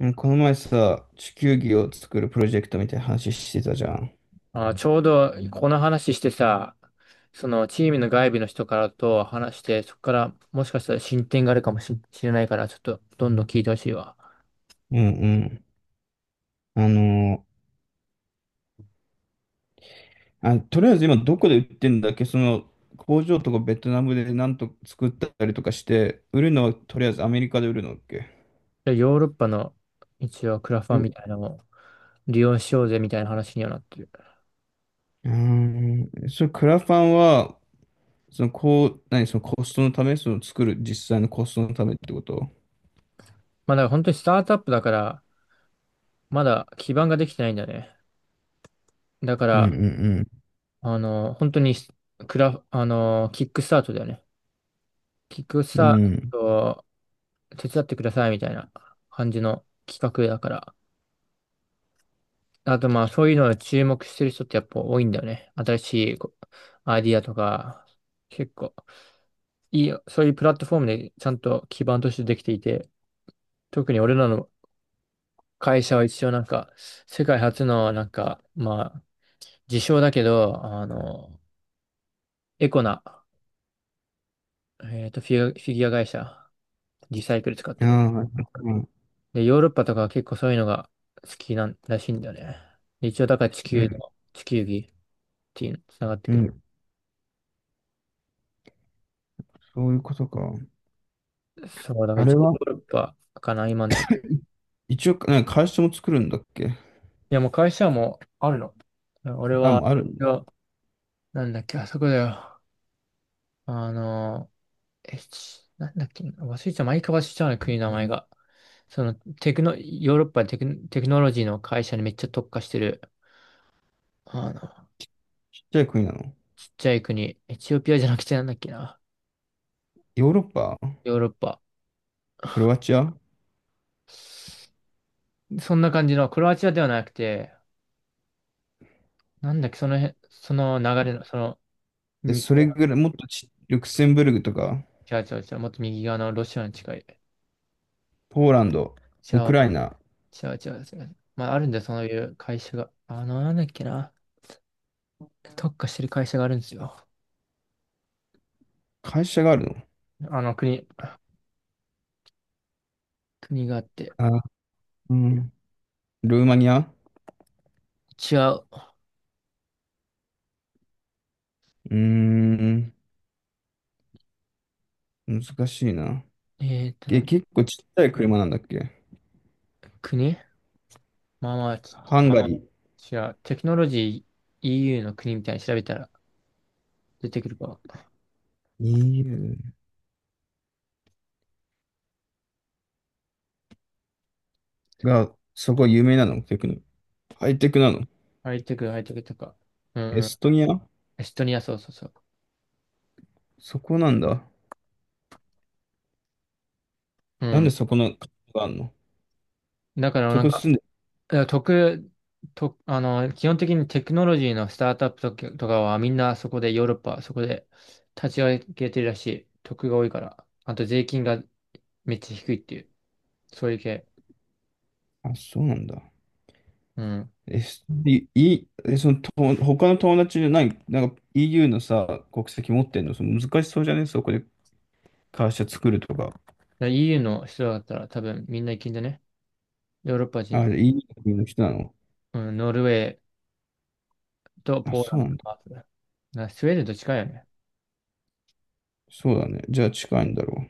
うんこの前さ、地球儀を作るプロジェクトみたいな話してたじゃん。あ、ちょうどこの話してさ、そのチームの外部の人からと話して、そこからもしかしたら進展があるかもししれないから、ちょっとどんどん聞いてほしいわ。うんうん。あのーあ、とりあえず今どこで売ってんだっけ？その工場とかベトナムでなんと作ったりとかして、売るのはとりあえずアメリカで売るのだっけ？でヨーロッパの一応クラフうァん。ンうみたいなのを利用しようぜみたいな話にはなってる。ーんそれクラファンは、そのこう、何、そのコストのため、その作る実際のコストのためってこと？まあだから本当にスタートアップだから、まだ基盤ができてないんだよね。だかうんら、うん本当にクラ、あの、キックスタートだよね。キックスうん。ターうん。トを手伝ってくださいみたいな感じの企画だから。あとまあそういうのを注目してる人ってやっぱ多いんだよね。新しいこうアイディアとか、結構いいよ、そういうプラットフォームでちゃんと基盤としてできていて、特に俺らの会社は一応なんか、世界初のなんか、まあ、自称だけど、エコな、フィギュア会社、リサイクル使っあてる。あ、そっか。で、ヨーロッパとかは結構そういうのが好きなんらしいんだよね。で一応だからうん地球儀っていうのつながってうくる。ん。そういうことか。そう、だからあれ1ヨはーロッパかな、今んとこ。一応、なんか会社も作るんだっけ？いや、もう会社もあるの。俺あ、は、もうあるんいだ。やなんだっけ、あそこだよ。あの、ちなんだっけ、忘れちゃう、毎回忘れちゃうね国の名前が。その、テクノ、ヨーロッパテク、テクノロジーの会社にめっちゃ特化してる、あの、ちっちゃい国なの？ちっちゃい国、エチオピアじゃなくてなんだっけな、ヨーロッパ。ヨーロッパ。クロアチア。そんな感じの、クロアチアではなくて、なんだっけ、その辺、その流れの、その、で、にそれぐらい、もっとち、ルクセンブルグとか、違う違う違う、もっと右側のロシアに近い。ポーランド、じウゃクあライナ、違う違う違う。まあ、あるんだよ、そういう会社が。あの、なんだっけな。特化してる会社があるんですよ。会社があるの？あの、国、国があって。あ、うん。ルーマニア。違う。うーん、難しいな。えーっと、え、な結構ちっちゃい車なんだっけ？国まあまあ、ちハンガリ違う。テクノロジー EU の国みたいに調べたら出てくるか。ー。EU が、そこ有名なのテクノ。ハイテクなの？ハイテク、ハイテクとか。うんエうん。ストニア。エストニア、そうそうそう。そこなんだ。うなんでん。そこの国があるの？だから、そなんこか、住んで、い特、と、あの、基本的にテクノロジーのスタートアップとか、とかはみんなそこでヨーロッパ、そこで立ち上げてるらしい。得が多いから。あと税金がめっちゃ低いっていう。そういう系。あ、そうなんだ。うん。だかえ、すい、いえ、その、と、他の友達じゃない、なんか EU のさ、国籍持ってんの、その難しそうじゃねそこで会社作るとか。ら EU の人だったら多分みんな行けんだね。ヨーロッパ人あ、の。EU の国の人なの？うん、ノルウェーとあ、ポーそラうンなドんだ。ハーフな、スウェーデンと近いよね。そうだね。じゃあ近いんだろ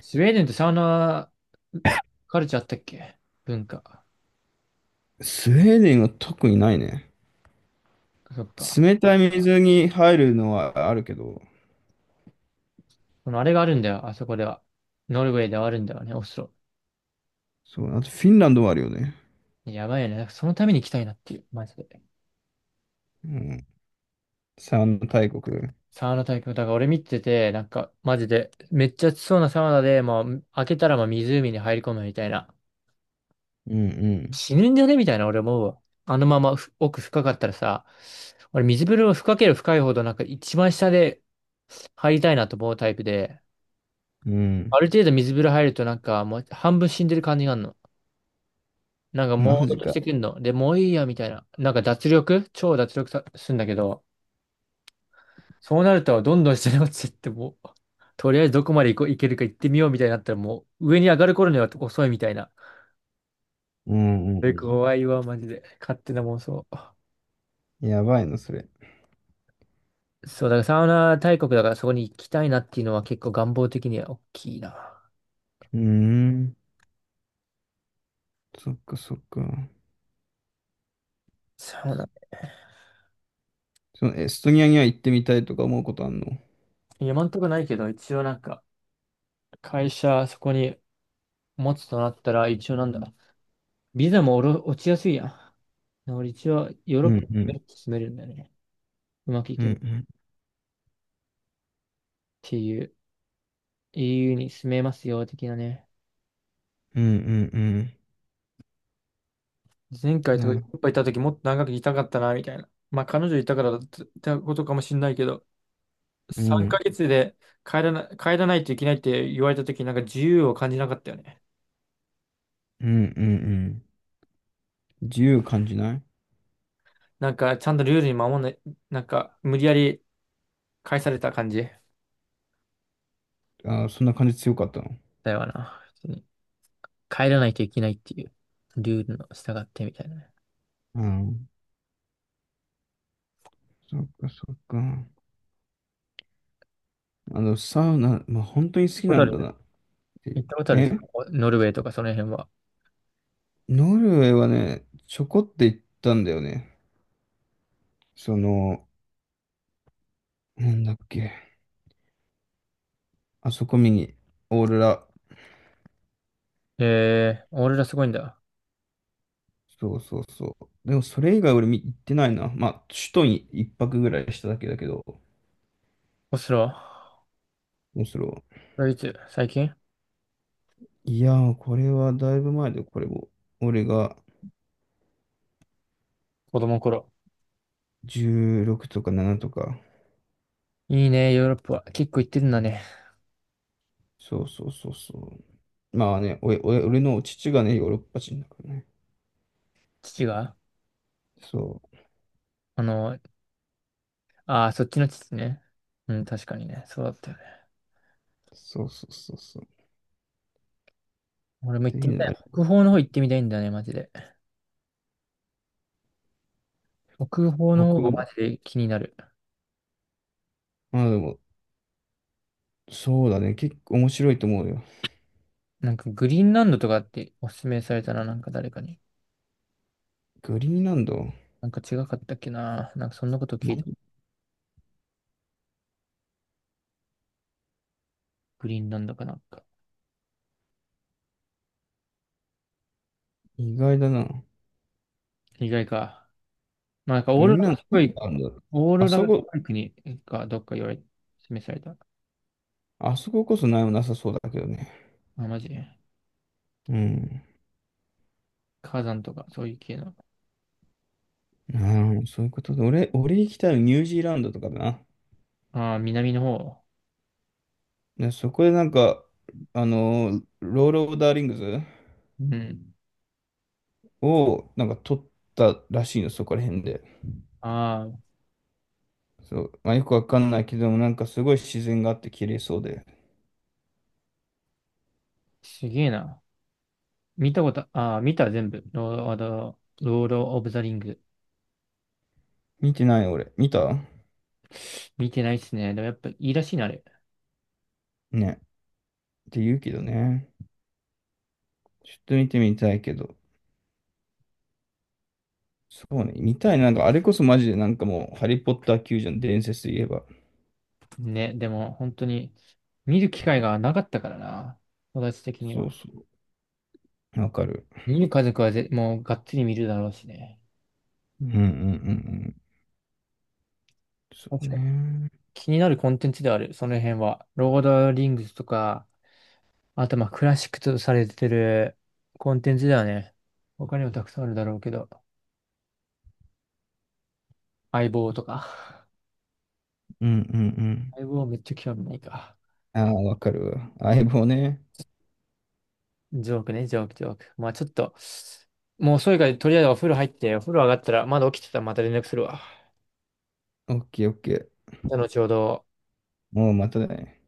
スウェーデンってサウナカルチャーあったっけ文化。う。スウェーデンは特にないね。そっか。冷たい水に入るのはあるけど、このあれがあるんだよ、あそこでは。ノルウェーではあるんだよね、オスロ。そう、あとフィンランドはあるよね。やばいよね。なんかそのために行きたいなっていう、マジで。うん。三大国。サウナ体験、だから俺見てて、なんか、マジで、めっちゃ暑そうなサウナで、もう、開けたらもう湖に入り込むみたいな。うんうん。死ぬんじゃねみたいな、俺思うわ。あのままふ奥深かったらさ、俺水風呂深ければ深いほど、なんか一番下で入りたいなと思うタイプで、うん。ある程度水風呂入るとなんかもう半分死んでる感じがあるの。なんか朦マ朧ジとしか。てくんの。で、もういいや、みたいな。なんか脱力さすんだけど、そうなると、どんどん下に落ちていってもう、とりあえずどこまで行こう、行けるか行ってみようみたいになったら、もう上に上がる頃には遅いみたいな。うんうそれん怖いわ、マジで。勝手な妄想。うん。やばいな、それ。そう、だからサウナ大国だからそこに行きたいなっていうのは結構願望的には大きいな。うーん。そっかそっか。サウナ。そのエストニアには行ってみたいとか思うことあんの？今んとこないけど、一応なんか、会社そこに持つとなったら、一応なんだ。ビザもおろ落ちやすいやん。俺一応ヨーロうッんパうんに住めるんだよね。うまくいうけば。っんていう、EU に住めますよ、的なね。うんうんうん前う回とんかいなる。っぱいい行った時もっと長くいたかったな、みたいな。まあ彼女いたからだったことかもしれないけど、う3んヶ月で帰らないといけないって言われた時なんか自由を感じなかったよね。うんうんうん。自由感じない？なんかちゃんとルールに守んない、なんか無理やり返された感じあーそんな感じ強かったの？だよな。普通に帰らないといけないっていうルールの従ってみたいなね。うん。そっかそっか。あのサウナ、まあ、本当に好きホなタんル、だなってい行う。ったことあるそえ、のノルウェーとかその辺は。ノルウェーはねちょこって行ったんだよね。その、なんだっけ、あそこ見に。オーロラ。えー、俺らすごいんだ。そうそうそう。でもそれ以外俺見行ってないな。まあ首都に一泊ぐらいしただけだけど。オスロ。面白これいつ最近い。いやー、これはだいぶ前で、これも。俺が子供の頃。16とか7とか。いいね、ヨーロッパは。結構行ってるんだね。そうそうそうそう。まあね、おいおい俺の父がね、ヨーロッパ人だからね。父が、そあの、ああ、そっちの父ね。うん、確かにね。そうだったよね。う。そうそうそうそう。っ俺も行てってみいうのたはい。あり、北方の方行ってみたいんだよね、マジで。北方の北方がマ欧。ジで気になる。まあでも、そうだね。結構面白いと思うよ。なんかグリーンランドとかっておすすめされたな、なんか誰かに。グリーンランド。なんか違かったっけな。なんかそんなこと聞いた。ま、グリーンランドかなんか。意外だな。意外か。まあなんかオグーリローンラランっぽい、ド、あるんだ？オーあロそラっこ、ぽい国かどっか言われ、示された。あそここそ何もなさそうだけどね。あ、マジうん。火山とかそういう系の。なるほど、そういうことで。俺、俺行きたいのニュージーランドとかだな。ああ、南の方。ね、そこでなんか、ロール・オブ・ダーリングズうん。をなんか取ったらしいの、そこら辺で。ああ、そう、まあ、よくわかんないけども、なんかすごい自然があって綺麗そうで。すげえな。見たこと、あー見た全部。ロード、あのロード・オブ・ザ・リング。見てない俺。見た見てないっすね。でもやっぱいいらしいな、あれ。ね。って言うけどね。ちょっと見てみたいけど。そうね。見たい。なんかあれこそマジでなんかもう、ハリー・ポッター級じゃん、伝説で言えば。ね、でも本当に見る機会がなかったからな。私的にそうは。そう。わかる。見る家族はぜ、もうがっつり見るだろうしね。うんうんうんうん。そう確かに。ね。気になるコンテンツである、その辺は。ロード・リングスとか、あとまあクラシックとされてるコンテンツだよね。他にもたくさんあるだろうけど。相棒とか。うんうんうん。相棒めっちゃ興味ないか。ああ、わかるわ。相棒ね。ジョークね、ジョーク、ジョーク。まあちょっと、もう遅いからとりあえずお風呂入って、お風呂上がったら、まだ起きてたらまた連絡するわ。オッケーオッケー。じゃあ後ほど。もうまたね。